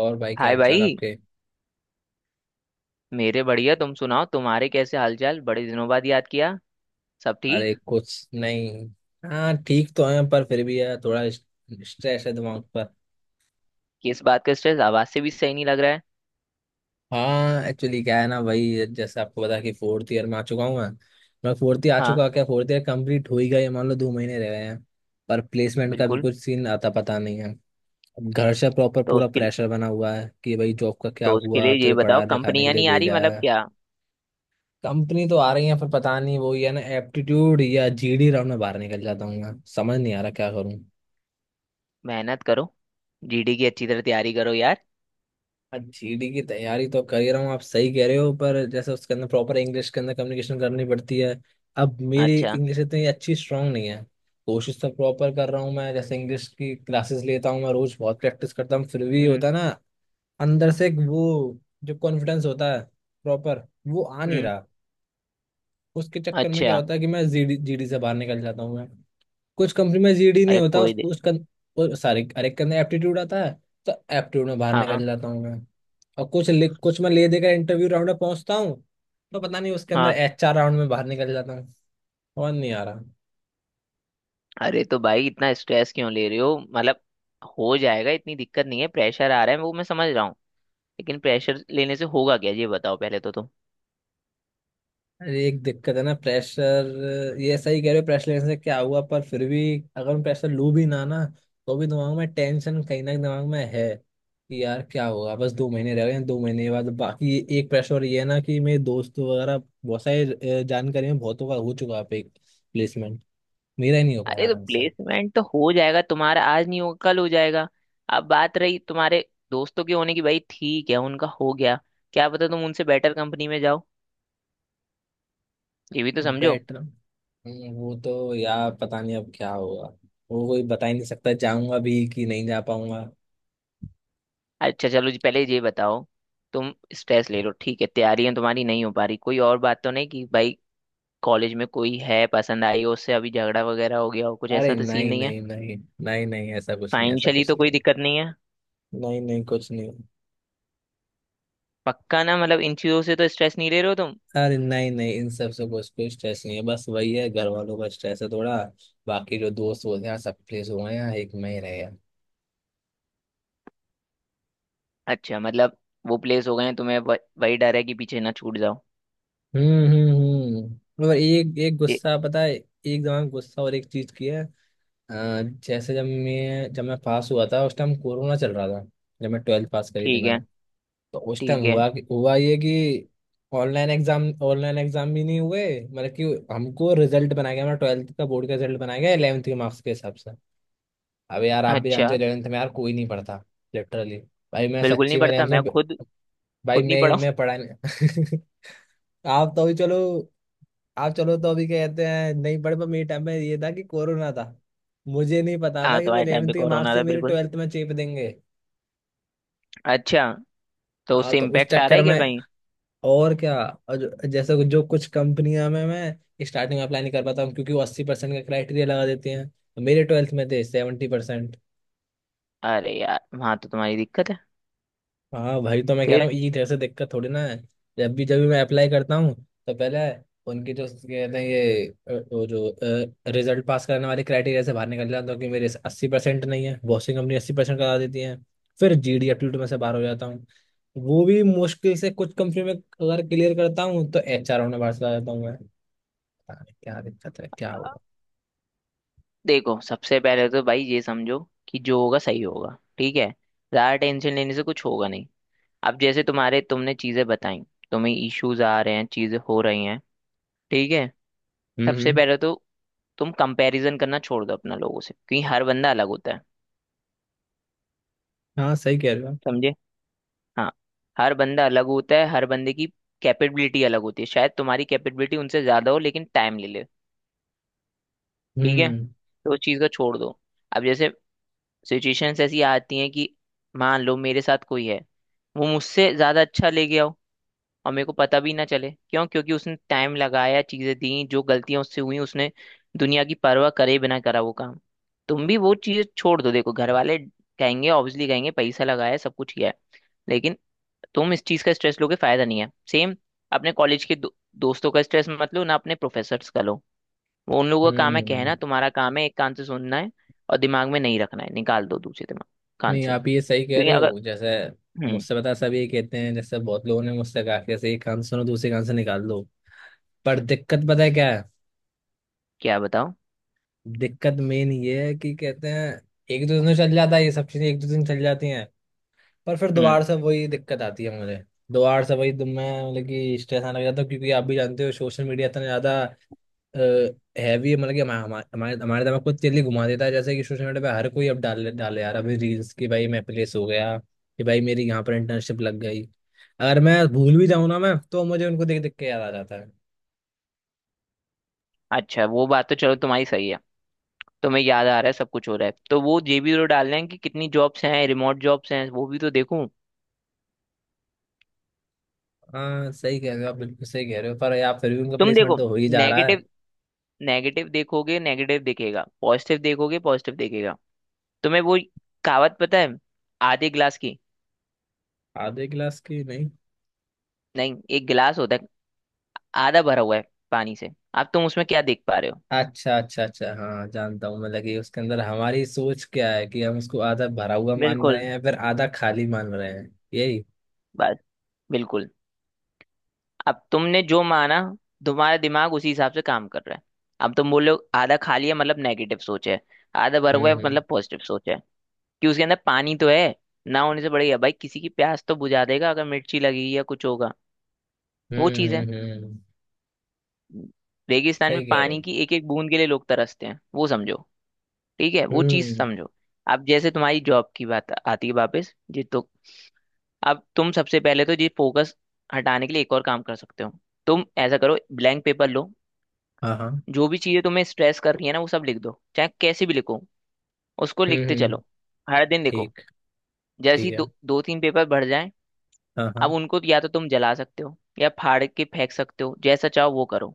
और भाई, क्या हाय हाल चाल भाई। आपके? मेरे बढ़िया, तुम सुनाओ, तुम्हारे कैसे हालचाल? बड़े दिनों बाद याद किया। सब अरे ठीक? कुछ नहीं। हाँ ठीक तो है पर फिर भी यार थोड़ा स्ट्रेस है दिमाग पर। किस बात का स्ट्रेस? आवाज से भी सही नहीं लग रहा है। हाँ, एक्चुअली क्या है ना भाई, जैसे आपको पता है कि फोर्थ ईयर में आ चुका हूँ मैं। मैं फोर्थ ईयर आ हाँ, चुका, क्या फोर्थ ईयर कंप्लीट हो ही गया, ये मान लो 2 महीने रह गए हैं। पर प्लेसमेंट का भी बिल्कुल। कुछ सीन आता पता नहीं है। अब घर से प्रॉपर तो पूरा उसके लिए प्रेशर बना हुआ है कि भाई जॉब का क्या तो उसके लिए हुआ, ये तुझे बताओ, पढ़ा लिखाने के कंपनियां लिए नहीं आ रही भेजा मतलब है। क्या? कंपनी तो आ रही है पर पता नहीं, वो ही है ना, एप्टीट्यूड या जीडी राउंड में बाहर निकल जाता हूँ मैं, समझ नहीं आ रहा क्या करूँ। मेहनत करो, जीडी की अच्छी तरह तैयारी करो यार। जीडी की तैयारी तो कर ही रहा हूँ, आप सही कह रहे हो, पर जैसे उसके अंदर प्रॉपर इंग्लिश के अंदर कम्युनिकेशन करनी पड़ती है। अब मेरी अच्छा। इंग्लिश इतनी अच्छी स्ट्रांग नहीं है। कोशिश तो प्रॉपर कर रहा हूँ मैं, जैसे इंग्लिश की क्लासेस लेता हूँ मैं, रोज बहुत प्रैक्टिस करता हूँ, फिर भी हम्म होता है ना अंदर से एक वो जो कॉन्फिडेंस होता है, प्रॉपर वो आ नहीं हम्म रहा। उसके चक्कर में क्या अच्छा। होता है कि मैं जीडी जीडी से बाहर निकल जाता हूँ मैं। कुछ कंपनी में जीडी नहीं अरे होता कोई दे। उसका सॉरी, अरे, के अंदर एप्टीट्यूड आता है। तो एप्टीट्यूड में बाहर हाँ निकल जाता हूँ मैं। और कुछ लिख कुछ मैं ले देकर इंटरव्यू राउंड में पहुंचता हूँ। तो पता नहीं उसके अंदर हाँ एचआर राउंड में बाहर निकल जाता हूँ। और नहीं आ रहा। अरे तो भाई इतना स्ट्रेस क्यों ले रहे हो मतलब? हो जाएगा, इतनी दिक्कत नहीं है। प्रेशर आ रहा है वो मैं समझ रहा हूँ, लेकिन प्रेशर लेने से होगा क्या, ये बताओ पहले तो तुम। अरे एक दिक्कत है ना, प्रेशर ये सही कह रहे हो, प्रेशर लेने से क्या हुआ पर फिर भी, अगर मैं प्रेशर लूँ भी ना ना, तो भी दिमाग में टेंशन कहीं ना कहीं दिमाग में है कि यार क्या होगा, बस 2 महीने रह गए हैं, 2 महीने के बाद। बाकी एक प्रेशर ये है ना कि मेरे दोस्त वगैरह बहुत सारे, जानकारी में बहुतों का हो चुका है प्लेसमेंट, मेरा ही नहीं हो पा अरे रहा तो ढंग से प्लेसमेंट तो हो जाएगा तुम्हारा, आज नहीं होगा कल हो जाएगा। अब बात रही तुम्हारे दोस्तों के होने की, भाई ठीक है, उनका हो गया, क्या पता तुम उनसे बेटर कंपनी में जाओ, ये भी तो समझो। बैठना। वो तो यार पता नहीं अब क्या होगा, वो कोई बता ही नहीं सकता, जाऊंगा भी कि नहीं जा पाऊंगा। अच्छा चलो जी, पहले ये बताओ, तुम स्ट्रेस ले लो ठीक है, तैयारियां तुम्हारी नहीं हो पा रही, कोई और बात तो नहीं कि भाई कॉलेज में कोई है पसंद आई हो, उससे अभी झगड़ा वगैरह हो गया हो, कुछ अरे ऐसा तो सीन नहीं, नहीं है? नहीं, नहीं। नहीं, नहीं, ऐसा कुछ नहीं, ऐसा फाइनेंशियली कुछ तो कोई नहीं। दिक्कत नहीं है? नहीं, नहीं, कुछ नहीं। पक्का ना, मतलब इन चीजों से तो स्ट्रेस नहीं ले रहे हो तुम? अरे नहीं, नहीं, इन सब से कुछ कोई स्ट्रेस नहीं है, बस वही है, घर वालों का स्ट्रेस है थोड़ा। बाकी जो दोस्त बोलते हैं सब प्लेस हुए हैं यहाँ, एक मैं ही रह गया। अच्छा मतलब वो प्लेस हो गए हैं, तुम्हें वही डर है कि पीछे ना छूट जाओ। हम्म, हम्म, हम्म, और एक एक गुस्सा पता है, एक दिमाग में गुस्सा और एक चीज की है। अ, जैसे जब मैं पास हुआ था उस टाइम कोरोना चल रहा था, जब मैं ट्वेल्थ पास करी थी ठीक मैंने। है। तो उस टाइम ठीक है। हुआ कि, हुआ ये कि ऑनलाइन एग्जाम ऑनलाइन एग्जाम भी नहीं हुए, मतलब कि हमको रिजल्ट बनाया गया, हमारा ट्वेल्थ का बोर्ड का रिजल्ट बनाया गया 11th के मार्क्स के हिसाब से। अब यार आप भी अच्छा। जानते हो 11th में यार कोई नहीं पढ़ता, लिटरली। भाई मैं बिल्कुल नहीं सच्ची में पढ़ता, मैं 11th खुद में, भाई खुद नहीं मैं पढ़ा हूँ। मैं पढ़ा नहीं। आप तो अभी चलो, आप चलो तो अभी कहते हैं नहीं पढ़े, पर मेरे टाइम में ये था कि कोरोना था, मुझे नहीं पता हाँ, था कि तो वो आए टाइम 11th पे के कोरोना मार्क्स ही था मेरे बिल्कुल। ट्वेल्थ में चेप देंगे। अच्छा, तो हाँ उससे तो उस इम्पैक्ट आ रहा चक्कर है क्या में, कहीं? और क्या। और जैसे जो कुछ कंपनियां में मैं स्टार्टिंग में अप्लाई नहीं कर पाता हूँ क्योंकि वो 80% का क्राइटेरिया लगा देती हैं। मेरे ट्वेल्थ में थे 70%। अरे यार, वहां तो तुम्हारी दिक्कत है। हाँ भाई, तो मैं कह रहा फिर हूँ ये, जैसे दिक्कत थोड़ी ना है। जब भी मैं अप्लाई करता हूँ, तो पहले उनकी जो कहते हैं ये वो जो रिजल्ट पास करने वाले क्राइटेरिया से बाहर निकल जाता हूँ, तो कि मेरे 80% नहीं है, बहुत सी कंपनी 80% करा देती है। फिर जीडी एप्टीट्यूड में से बाहर हो जाता हूँ, वो भी मुश्किल से कुछ कंपनी में अगर क्लियर करता हूँ तो एच आर में बाहर चला जाता हूँ मैं। पता नहीं क्या दिक्कत है, क्या अ, होगा। देखो सबसे पहले तो भाई ये समझो कि जो होगा सही होगा, ठीक है? ज्यादा टेंशन लेने से कुछ होगा नहीं। अब जैसे तुम्हारे तुमने चीजें बताई, तुम्हें इश्यूज आ रहे हैं, चीजें हो रही हैं ठीक है। हम्म, सबसे पहले तो तुम कंपैरिजन करना छोड़ दो अपना लोगों से, क्योंकि हर बंदा अलग होता है। हाँ सही कह रहे हो आप। समझे? हाँ, हर बंदा अलग होता है, हर बंदे की कैपेबिलिटी अलग होती है। शायद तुम्हारी कैपेबिलिटी उनसे ज्यादा हो लेकिन टाइम ले ले, ठीक है? हम्म, तो उस चीज को छोड़ दो। अब जैसे सिचुएशंस ऐसी आती हैं कि मान लो मेरे साथ कोई है, वो मुझसे ज्यादा अच्छा ले गया हो और मेरे को पता भी ना चले क्यों, क्योंकि उसने टाइम लगाया, चीजें दी, जो गलतियां उससे हुई, उसने दुनिया की परवाह करे बिना करा वो काम। तुम भी वो चीज छोड़ दो। देखो घर वाले कहेंगे, ऑब्वियसली कहेंगे, पैसा लगाया है, सब कुछ किया है, लेकिन तुम इस चीज का स्ट्रेस लोगे फायदा नहीं है। सेम अपने कॉलेज के दोस्तों का स्ट्रेस मत लो ना, अपने प्रोफेसर्स का लो। वो उन लोगों का काम है कहना, हम्म, तुम्हारा काम है एक कान से सुनना है और दिमाग में नहीं रखना है, निकाल दो दूसरे दिमाग कान नहीं, से। आप ये सही कह क्योंकि रहे अगर हो, जैसे हम्म मुझसे पता है, सब ये कहते हैं, जैसे बहुत लोगों ने मुझसे कहा कि जैसे एक कान से सुनो दूसरे कान से निकाल दो। पर दिक्कत पता है क्या है, क्या बताओ दिक्कत मेन ये है कि कहते हैं एक दो दिन में चल जाता है ये सब चीजें, एक दो दिन चल जाती हैं, पर फिर हम्म। दोबारा से वही दिक्कत आती है मुझे, दोबारा से वही। तो मैं मतलब कि स्ट्रेस आने लग जाता हूँ, क्योंकि आप भी जानते हो सोशल मीडिया इतना ज्यादा हैवी, मतलब कि हमा- हमा- हमारे हमारे दिमाग को तेली घुमा देता है, जैसे कि सोशल मीडिया पे हर कोई अब डाल डाले यार अभी रील्स की, भाई मैं प्लेस हो गया, कि भाई मेरी यहाँ पर इंटर्नशिप लग गई। अगर मैं भूल भी जाऊँ ना मैं, तो मुझे उनको देख देख के याद आ जाता है। अच्छा, वो बात तो चलो तुम्हारी सही है। तुम्हें याद आ रहा है, सब कुछ हो रहा है, तो वो ये भी तो डालना है कि कितनी जॉब्स हैं, रिमोट जॉब्स हैं, वो भी तो देखूं। हाँ सही कह रहे हो आप, बिल्कुल सही कह रहे हो, पर यार फिर भी उनका तुम प्लेसमेंट देखो, तो हो ही जा रहा नेगेटिव है। नेगेटिव देखोगे नेगेटिव दिखेगा, पॉजिटिव देखोगे पॉजिटिव दिखेगा। तुम्हें वो कहावत पता है, आधे गिलास की? आधे क्लास की? नहीं। नहीं, एक गिलास होता है आधा भरा हुआ है पानी से, अब तुम उसमें क्या देख पा रहे हो? अच्छा, अच्छा, अच्छा, हाँ जानता हूँ, मतलब कि उसके अंदर हमारी सोच क्या है कि हम उसको आधा भरा हुआ मान रहे बिल्कुल, हैं फिर आधा खाली मान रहे हैं, यही। बस, बिल्कुल। अब तुमने जो माना, तुम्हारा दिमाग उसी हिसाब से काम कर रहा है। अब तुम बोलो आधा खाली है मतलब नेगेटिव सोच है, आधा भरा हुआ हम्म, है हम्म, मतलब पॉजिटिव सोच है कि उसके अंदर पानी तो है, ना होने से बढ़िया। भाई किसी की प्यास तो बुझा देगा अगर मिर्ची लगेगी या कुछ होगा, वो हम्म। चीज़ है। हम्म, रेगिस्तान में सही कह रहे हो। पानी की एक एक बूंद के लिए लोग तरसते हैं, वो समझो। ठीक है, वो चीज़ हम्म। समझो। अब जैसे तुम्हारी जॉब की बात आती है वापस जी, तो अब तुम सबसे पहले तो ये फोकस हटाने के लिए एक और काम कर सकते हो। तुम ऐसा करो, ब्लैंक पेपर लो, हाँ, हाँ। जो भी चीजें तुम्हें स्ट्रेस कर रही है ना वो सब लिख दो, चाहे कैसे भी लिखो, उसको हम्म, लिखते चलो, हर दिन लिखो। ठीक। जैसे ठीक ही है। दो दो तीन पेपर भर जाए, हाँ, हाँ। अब उनको या तो तुम जला सकते हो या फाड़ के फेंक सकते हो, जैसा चाहो वो करो।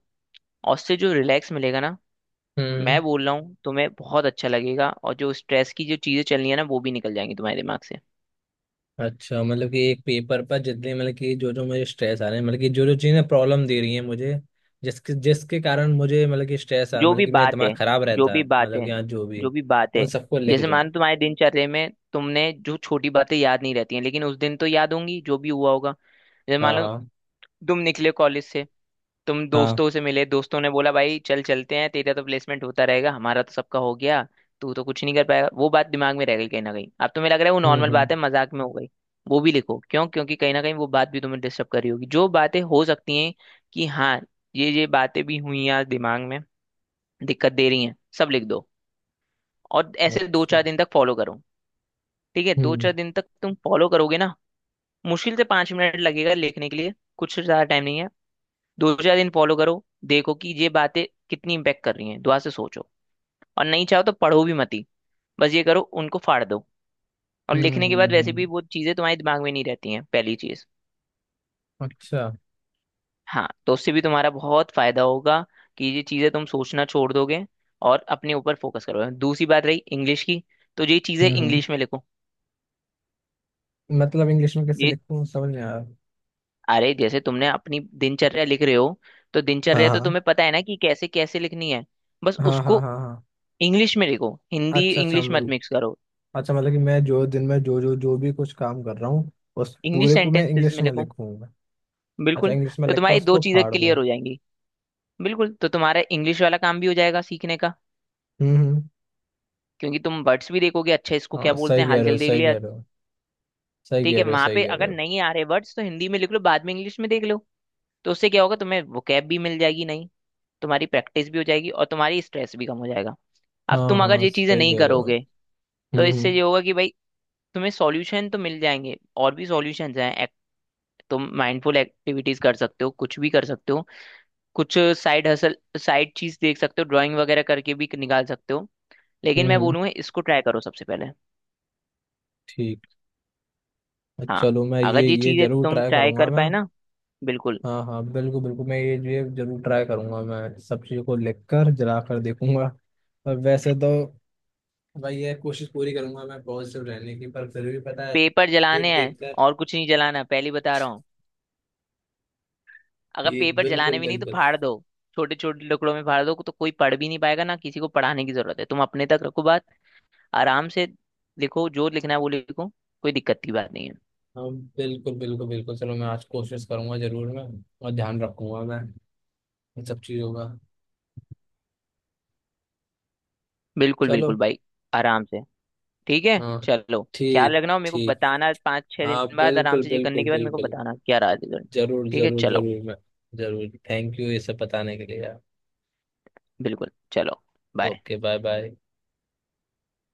और उससे जो रिलैक्स मिलेगा ना, हम्म। मैं बोल रहा हूँ तुम्हें बहुत अच्छा लगेगा, और जो स्ट्रेस की जो चीजें चल रही है ना वो भी निकल जाएंगी तुम्हारे दिमाग से। अच्छा, मतलब कि एक पेपर पर जितने, मतलब कि जो जो मुझे स्ट्रेस आ रहे हैं, मतलब कि जो जो चीज़ें प्रॉब्लम दे रही हैं मुझे, जिसके जिसके कारण मुझे, मतलब कि स्ट्रेस आ, जो मतलब भी कि मेरा बात दिमाग है खराब जो रहता भी है, बात मतलब है कि हाँ, जो भी, जो भी बात है उन सबको लिख जैसे दूँ। मानो तुम्हारे दिनचर्या में तुमने जो छोटी बातें याद नहीं रहती हैं, लेकिन उस दिन तो याद होंगी जो भी हुआ होगा। जैसे मान हाँ, लो हाँ, तुम निकले कॉलेज से, तुम हाँ। दोस्तों से मिले, दोस्तों ने बोला भाई चल चलते हैं, तेरा तो प्लेसमेंट होता रहेगा, हमारा तो सबका हो गया, तू तो कुछ नहीं कर पाएगा। वो बात दिमाग में रह गई कहीं ना कहीं, अब तुम्हें लग रहा है वो हम्म, नॉर्मल हम्म, बात है, मजाक में हो गई, वो भी लिखो। क्यों? क्योंकि कहीं ना कहीं वो बात भी तुम्हें डिस्टर्ब कर रही होगी। जो बातें हो सकती हैं कि हाँ, ये बातें भी हुई आज, दिमाग में दिक्कत दे रही हैं, सब लिख दो। और ऐसे दो अच्छा। चार दिन तक फॉलो करो, ठीक है? दो हम्म, चार दिन तक तुम फॉलो करोगे ना, मुश्किल से पांच मिनट लगेगा लिखने के लिए, कुछ ज्यादा टाइम नहीं है। दो चार दिन फॉलो करो, देखो कि ये बातें कितनी इम्पेक्ट कर रही हैं, दुआ से सोचो। और नहीं चाहो तो पढ़ो भी मत ही, बस ये करो, उनको फाड़ दो। और हम्म, लिखने के बाद वैसे हम्म। भी वो चीज़ें तुम्हारे दिमाग में नहीं रहती हैं, पहली चीज़। अच्छा। हाँ, तो उससे भी तुम्हारा बहुत फायदा होगा कि ये चीज़ें तुम सोचना छोड़ दोगे और अपने ऊपर फोकस करोगे। दूसरी बात रही इंग्लिश की, तो ये चीज़ें हम्म, इंग्लिश में लिखो। मतलब इंग्लिश में कैसे ये लिखूँ समझ नहीं आ रहा। अरे जैसे तुमने अपनी दिनचर्या लिख रहे हो, तो दिनचर्या तो हाँ, तुम्हें पता है ना कि कैसे कैसे लिखनी है, बस हाँ, हाँ, उसको हाँ, हाँ, हाँ। इंग्लिश में लिखो, हिंदी अच्छा, अच्छा, इंग्लिश मत मतलब। मिक्स करो। अच्छा मतलब कि मैं जो दिन में जो जो जो भी कुछ काम कर रहा हूँ, उस इंग्लिश पूरे को मैं सेंटेंसेस इंग्लिश में में लिखो, लिखूंगा। अच्छा, बिल्कुल। इंग्लिश में तो लिख कर तुम्हारी दो उसको चीजें फाड़ क्लियर दूँ। हो जाएंगी, बिल्कुल। तो तुम्हारा इंग्लिश वाला काम भी हो जाएगा सीखने का, हम्म, हम्म। क्योंकि तुम वर्ड्स भी देखोगे, अच्छा इसको क्या हाँ बोलते सही हैं, कह रहे हो, हलचल देख सही लिया। कह रहे हो। सही ठीक कह है, रहे हो, वहां सही पे कह रहे अगर हो। नहीं आ रहे वर्ड्स तो हिंदी में लिख लो, बाद में इंग्लिश में देख लो। तो उससे क्या होगा, तुम्हें वोकैब भी मिल जाएगी नहीं, तुम्हारी प्रैक्टिस भी हो जाएगी, और तुम्हारी स्ट्रेस भी कम हो जाएगा। अब हाँ, तुम अगर हाँ, ये चीजें सही नहीं कह रहे हो आप। करोगे तो हम्म, इससे हम्म, ये होगा कि भाई तुम्हें सॉल्यूशन तो मिल जाएंगे, और भी सॉल्यूशंस हैं। तुम माइंडफुल एक्टिविटीज कर सकते हो, कुछ भी कर सकते हो, कुछ साइड हसल, साइड चीज देख सकते हो, ड्राइंग वगैरह करके भी निकाल सकते हो, लेकिन हम्म, मैं बोलूंगा इसको ट्राई करो सबसे पहले। ठीक। हाँ, चलो मैं ये अगर ये ये चीजें जरूर तुम ट्राई ट्राई करूंगा कर मैं। पाए ना, बिल्कुल। हाँ, हाँ, बिल्कुल, बिल्कुल, मैं ये जरूर ट्राई करूंगा मैं, सब चीज़ों को लिख कर जला कर देखूंगा। पर वैसे तो भाई ये कोशिश पूरी करूंगा मैं पॉजिटिव रहने की, पर फिर भी पता है, पेपर देख जलाने हैं देख कर। और कुछ नहीं जलाना, पहले ही बता रहा हूँ। अगर ठीक, पेपर बिल्कुल, जलाने भी नहीं तो बिल्कुल। फाड़ दो, छोटे छोटे टुकड़ों में फाड़ दो तो कोई पढ़ भी नहीं पाएगा ना, किसी को पढ़ाने की जरूरत है, तुम अपने तक रखो बात। आराम से लिखो, जो लिखना है वो लिखो, कोई दिक्कत की बात नहीं है। हम, बिल्कुल, बिल्कुल, बिल्कुल, चलो मैं आज कोशिश करूंगा जरूर मैं, और ध्यान रखूंगा मैं इन सब चीज़ों का। बिल्कुल बिल्कुल चलो। भाई, आराम से। ठीक है हाँ। चलो, ख्याल ठीक। रखना, और मेरे को ठीक। बताना 5-6 दिन हाँ, बाद। आराम बिल्कुल, से ये करने बिल्कुल, के बाद मेरे को बिल्कुल, बताना क्या राय है, रिजल्ट। जरूर, ठीक है जरूर, चलो, जरूर, मैं जरूर। थैंक यू ये सब बताने के लिए यार। बिल्कुल चलो, बाय। Okay, bye, bye.